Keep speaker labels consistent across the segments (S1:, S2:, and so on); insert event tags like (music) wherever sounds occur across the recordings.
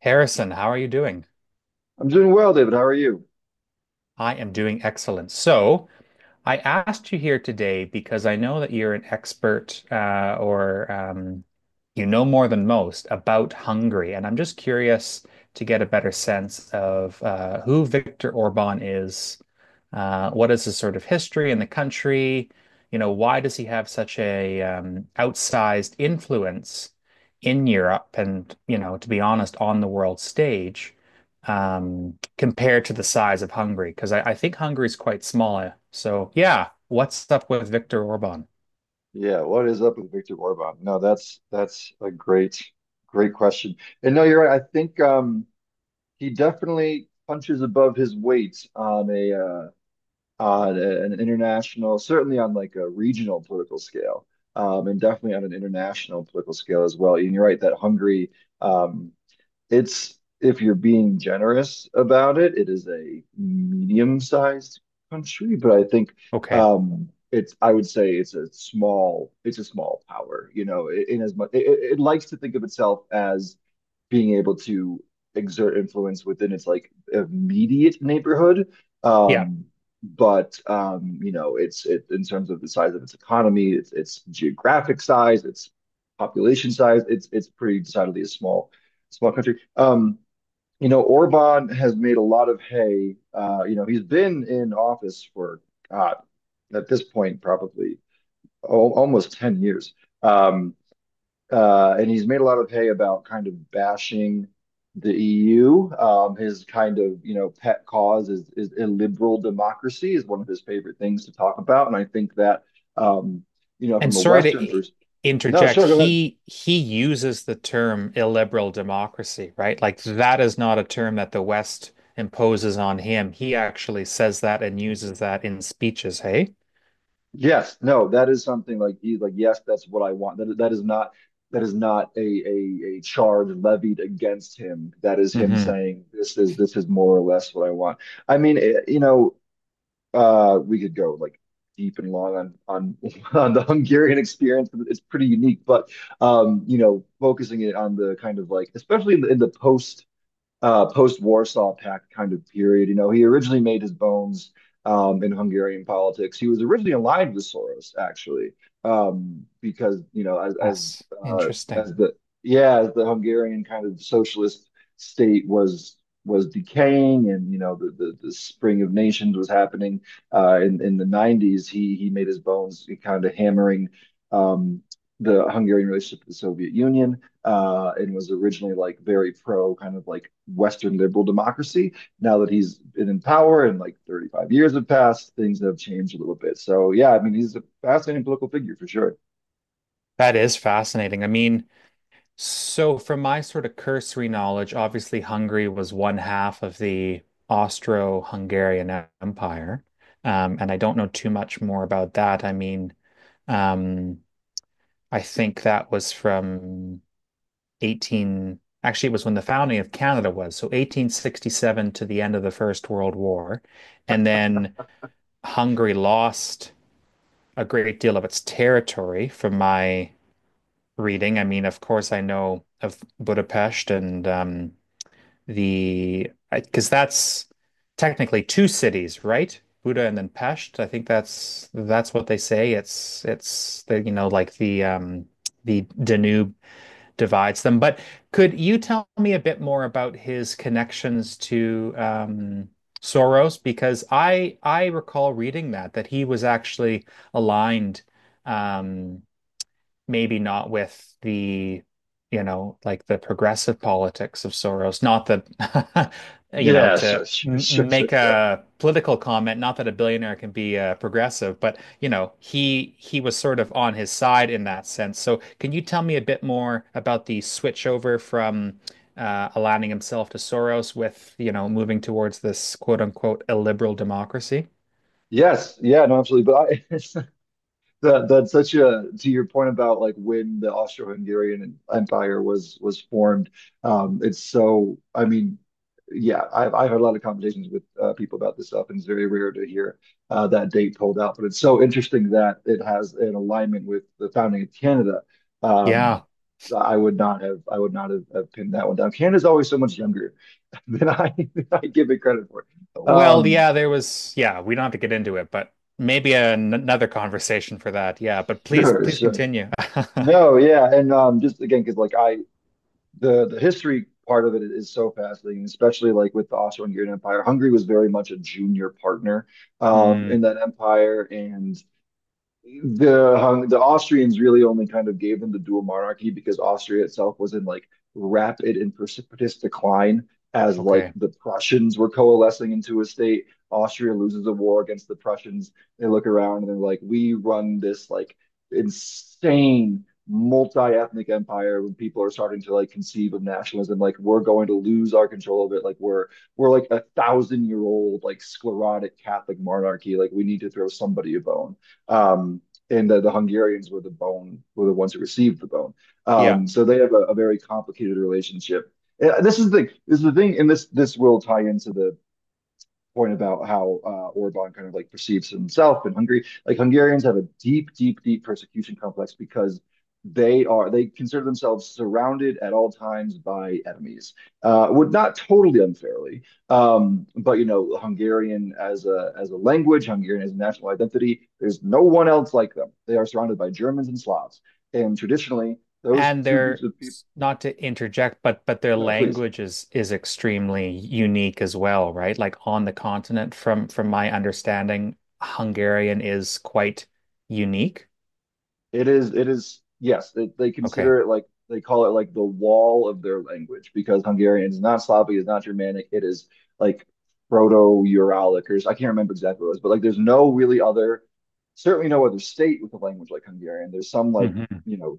S1: Harrison, how are you doing?
S2: I'm doing well, David. How are you?
S1: I am doing excellent. So, I asked you here today because I know that you're an expert or you know more than most about Hungary. And I'm just curious to get a better sense of who Viktor Orban is, what is his sort of history in the country, you know, why does he have such a outsized influence in Europe and, you know, to be honest, on the world stage? Compared to the size of Hungary? Because I think Hungary is quite small. So, yeah, what's up with Viktor Orban?
S2: Yeah, what is up with Viktor Orban? No, that's a great question. And no, you're right. I think he definitely punches above his weight on a on an international, certainly on like a regional political scale, and definitely on an international political scale as well. And you're right that Hungary um it's if you're being generous about it, it is a medium-sized country, but I think
S1: Okay.
S2: it's I would say it's a small power. You know, in as much it likes to think of itself as being able to exert influence within its like immediate neighborhood.
S1: Yeah.
S2: Um, but You know, it's it in terms of the size of its economy, its geographic size, its population size, it's pretty decidedly a small country. You know, Orban has made a lot of hay. You know, he's been in office for God, at this point probably al almost 10 years. Um, and he's made a lot of hay about kind of bashing the EU. His kind of, you know, pet cause is illiberal democracy, is one of his favorite things to talk about, and I think that um, you know,
S1: And
S2: from a
S1: sorry
S2: Western
S1: to
S2: perspective. No,
S1: interject,
S2: sure, go ahead.
S1: he uses the term illiberal democracy, right? Like that is not a term that the West imposes on him. He actually says that and uses that in speeches, hey?
S2: Yes, no, that is something like he's like, yes, that's what I want. That is not that is not a charge levied against him. That is him
S1: Hmm.
S2: saying this is more or less what I want. I mean, it, you know, we could go like deep and long on (laughs) on the Hungarian experience, but it's pretty unique. But you know, focusing it on the kind of like, especially in the post post-Warsaw Pact kind of period. You know, he originally made his bones in Hungarian politics. He was originally aligned with Soros, actually, because you know,
S1: Yes, interesting.
S2: as the yeah, as the Hungarian kind of socialist state was decaying, and you know, the spring of nations was happening in the '90s. He made his bones kind of hammering. Um, the Hungarian relationship with the Soviet Union, and was originally like very pro kind of like Western liberal democracy. Now that he's been in power and like 35 years have passed, things have changed a little bit. So yeah, I mean, he's a fascinating political figure for sure.
S1: That is fascinating. I mean, so, from my sort of cursory knowledge, obviously Hungary was one half of the Austro-Hungarian Empire. And I don't know too much more about that. I mean, um, I think that was from 18, actually, it was when the founding of Canada was. So, 1867 to the end of the First World War. And then Hungary lost a great deal of its territory from my reading. I mean, of course, I know of Budapest, and the, because that's technically two cities, right? Buda and then Pest. I think that's what they say. It's the you know like the Danube divides them. But could you tell me a bit more about his connections to Soros? Because I recall reading that he was actually aligned, um maybe not with the, you know, like the progressive politics of Soros. Not that, (laughs) you know,
S2: Yeah,
S1: to
S2: sure, sure,
S1: m
S2: sure, sure,
S1: make
S2: sure.
S1: a political comment, not that a billionaire can be progressive, but you know, he was sort of on his side in that sense. So can you tell me a bit more about the switch over from aligning himself to Soros, with, you know, moving towards this quote unquote illiberal democracy?
S2: Yes, yeah, no, absolutely. But I, (laughs) that's such a to your point about like when the Austro-Hungarian Empire was formed. It's so I mean, yeah, I've had a lot of conversations with people about this stuff, and it's very rare to hear that date pulled out. But it's so interesting that it has an alignment with the founding of Canada. Um,
S1: Yeah.
S2: I would not have I would not have pinned that one down. Canada's always so much younger (laughs) than I give it credit for.
S1: Well,
S2: Um,
S1: yeah, there was, yeah, we don't have to get into it, but maybe an another conversation for that. Yeah, but please,
S2: sure,
S1: please
S2: sure.
S1: continue. (laughs)
S2: No, yeah, and just again, because like I the history part of it is so fascinating, especially like with the Austro-Hungarian Empire. Hungary was very much a junior partner in
S1: Hmm.
S2: that empire, and the Austrians really only kind of gave them the dual monarchy because Austria itself was in like rapid and precipitous decline as like
S1: Okay.
S2: the Prussians were coalescing into a state. Austria loses a war against the Prussians. They look around and they're like, we run this like insane multi-ethnic empire. When people are starting to like conceive of nationalism, like we're going to lose our control of it, like we're like a thousand year old like sclerotic catholic monarchy, like we need to throw somebody a bone, um, and the Hungarians were the bone, were the ones who received the bone.
S1: Yeah.
S2: So they have a very complicated relationship. This is the thing, and this will tie into the point about how Orban kind of like perceives himself in Hungary. Like Hungarians have a deep, deep, deep persecution complex because they consider themselves surrounded at all times by enemies. Would not totally unfairly, but you know, Hungarian as a language, Hungarian as a national identity, there's no one else like them. They are surrounded by Germans and Slavs, and traditionally those
S1: And
S2: two groups
S1: their,
S2: of people.
S1: not to interject, but their
S2: No, please.
S1: language is extremely unique as well, right? Like on the continent, from my understanding, Hungarian is quite unique.
S2: It is, yes, they
S1: Okay.
S2: consider it like they call it like the wall of their language, because Hungarian is not Slavic, it's not Germanic, it is like Proto-Uralic I can't remember exactly what it was, but like there's no really other, certainly no other state with a language like Hungarian. There's some like,
S1: Hmm.
S2: you know,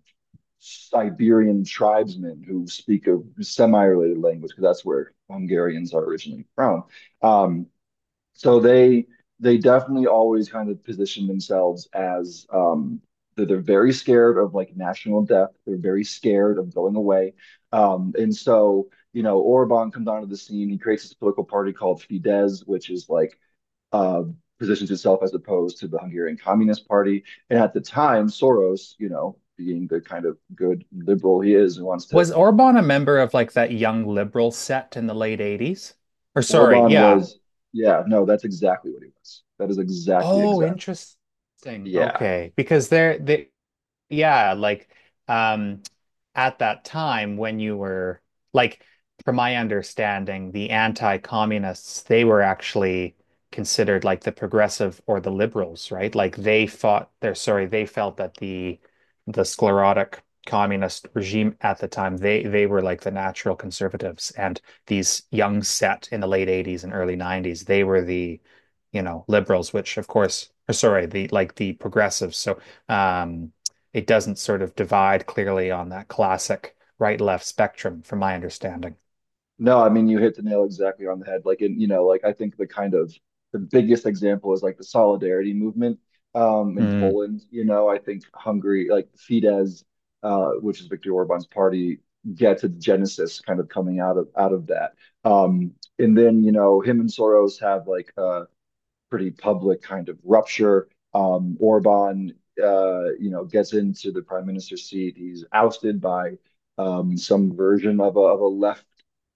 S2: Siberian tribesmen who speak a semi-related language because that's where Hungarians are originally from. Um, so they definitely always kind of position themselves as they're very scared of like national death. They're very scared of going away. And so, you know, Orban comes onto the scene. He creates this political party called Fidesz, which is like uh positions itself as opposed to the Hungarian Communist Party. And at the time, Soros, you know, being the kind of good liberal he is and wants to.
S1: Was Orban a member of like that young liberal set in the late 80s? Or sorry,
S2: Orban
S1: yeah,
S2: was, yeah, no, that's exactly what he was. That is exactly,
S1: oh,
S2: exactly.
S1: interesting.
S2: Yeah.
S1: Okay, because they're they yeah, like um at that time when you were like, from my understanding, the anti-communists, they were actually considered like the progressive or the liberals, right? Like they fought they're sorry, they felt that the sclerotic communist regime at the time, they were like the natural conservatives, and these young set in the late 80s and early 90s, they were the, you know, liberals, which of course, or sorry, the like the progressives. So um it doesn't sort of divide clearly on that classic right left spectrum, from my understanding.
S2: No, I mean you hit the nail exactly on the head. Like in, you know, like I think the kind of the biggest example is like the solidarity movement in
S1: Mm,
S2: Poland. You know, I think Hungary, like Fidesz, which is Viktor Orban's party, gets its genesis kind of coming out of that. Um, and then, you know, him and Soros have like pretty public kind of rupture. Orban, you know, gets into the prime minister's seat. He's ousted by some version of of a left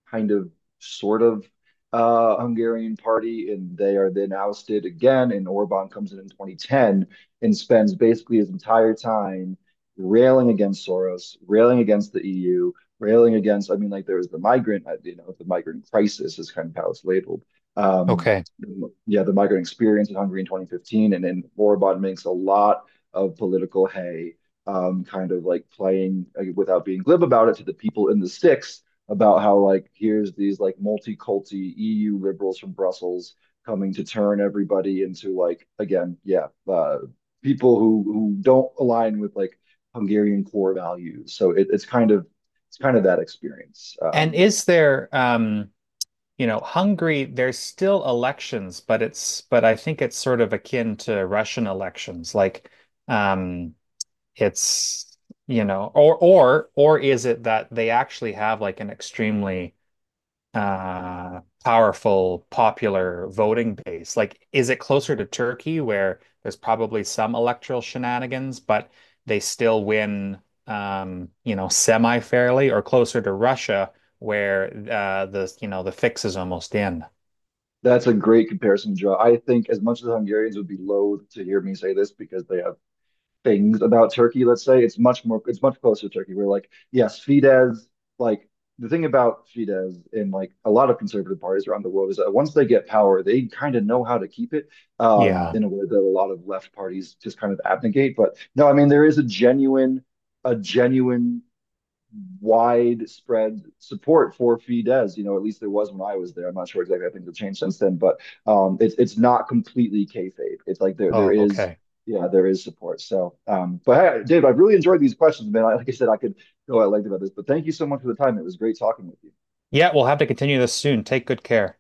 S2: kind of sort of Hungarian party, and they are then ousted again. And Orban comes in 2010 and spends basically his entire time railing against Soros, railing against the EU, railing against. I mean, like there was the migrant, you know, the migrant crisis is kind of how it's labeled. Um,
S1: okay.
S2: yeah, the migrant experience in Hungary in 2015. And then Orbán makes a lot of political hay, kind of like playing like, without being glib about it, to the people in the sticks about how like here's these like multi-culti EU liberals from Brussels coming to turn everybody into, like again, yeah, people who don't align with like Hungarian core values. So it's kind of that experience.
S1: And is there, you know, Hungary, there's still elections, but it's, but I think it's sort of akin to Russian elections. Like, um, it's, you know, or is it that they actually have like an extremely powerful popular voting base? Like, is it closer to Turkey, where there's probably some electoral shenanigans but they still win, you know, semi fairly? Or closer to Russia, where the, you know, the fix is almost in?
S2: That's a great comparison to draw. I think as much as the Hungarians would be loath to hear me say this because they have things about Turkey, let's say, it's much more it's much closer to Turkey. We're like, yes, Fidesz, like the thing about Fidesz and like a lot of conservative parties around the world is that once they get power, they kind of know how to keep it,
S1: Yeah.
S2: in a way that a lot of left parties just kind of abnegate. But no, I mean there is a genuine widespread support for Fidesz. You know, at least there was when I was there. I'm not sure exactly. I think it's changed since then, but it's not completely kayfabe. It's like there
S1: Oh,
S2: is
S1: okay.
S2: yeah there is support. So, but hey, Dave, I've really enjoyed these questions, man. Like I said, I could go at length about this, but thank you so much for the time. It was great talking with you.
S1: Yeah, we'll have to continue this soon. Take good care.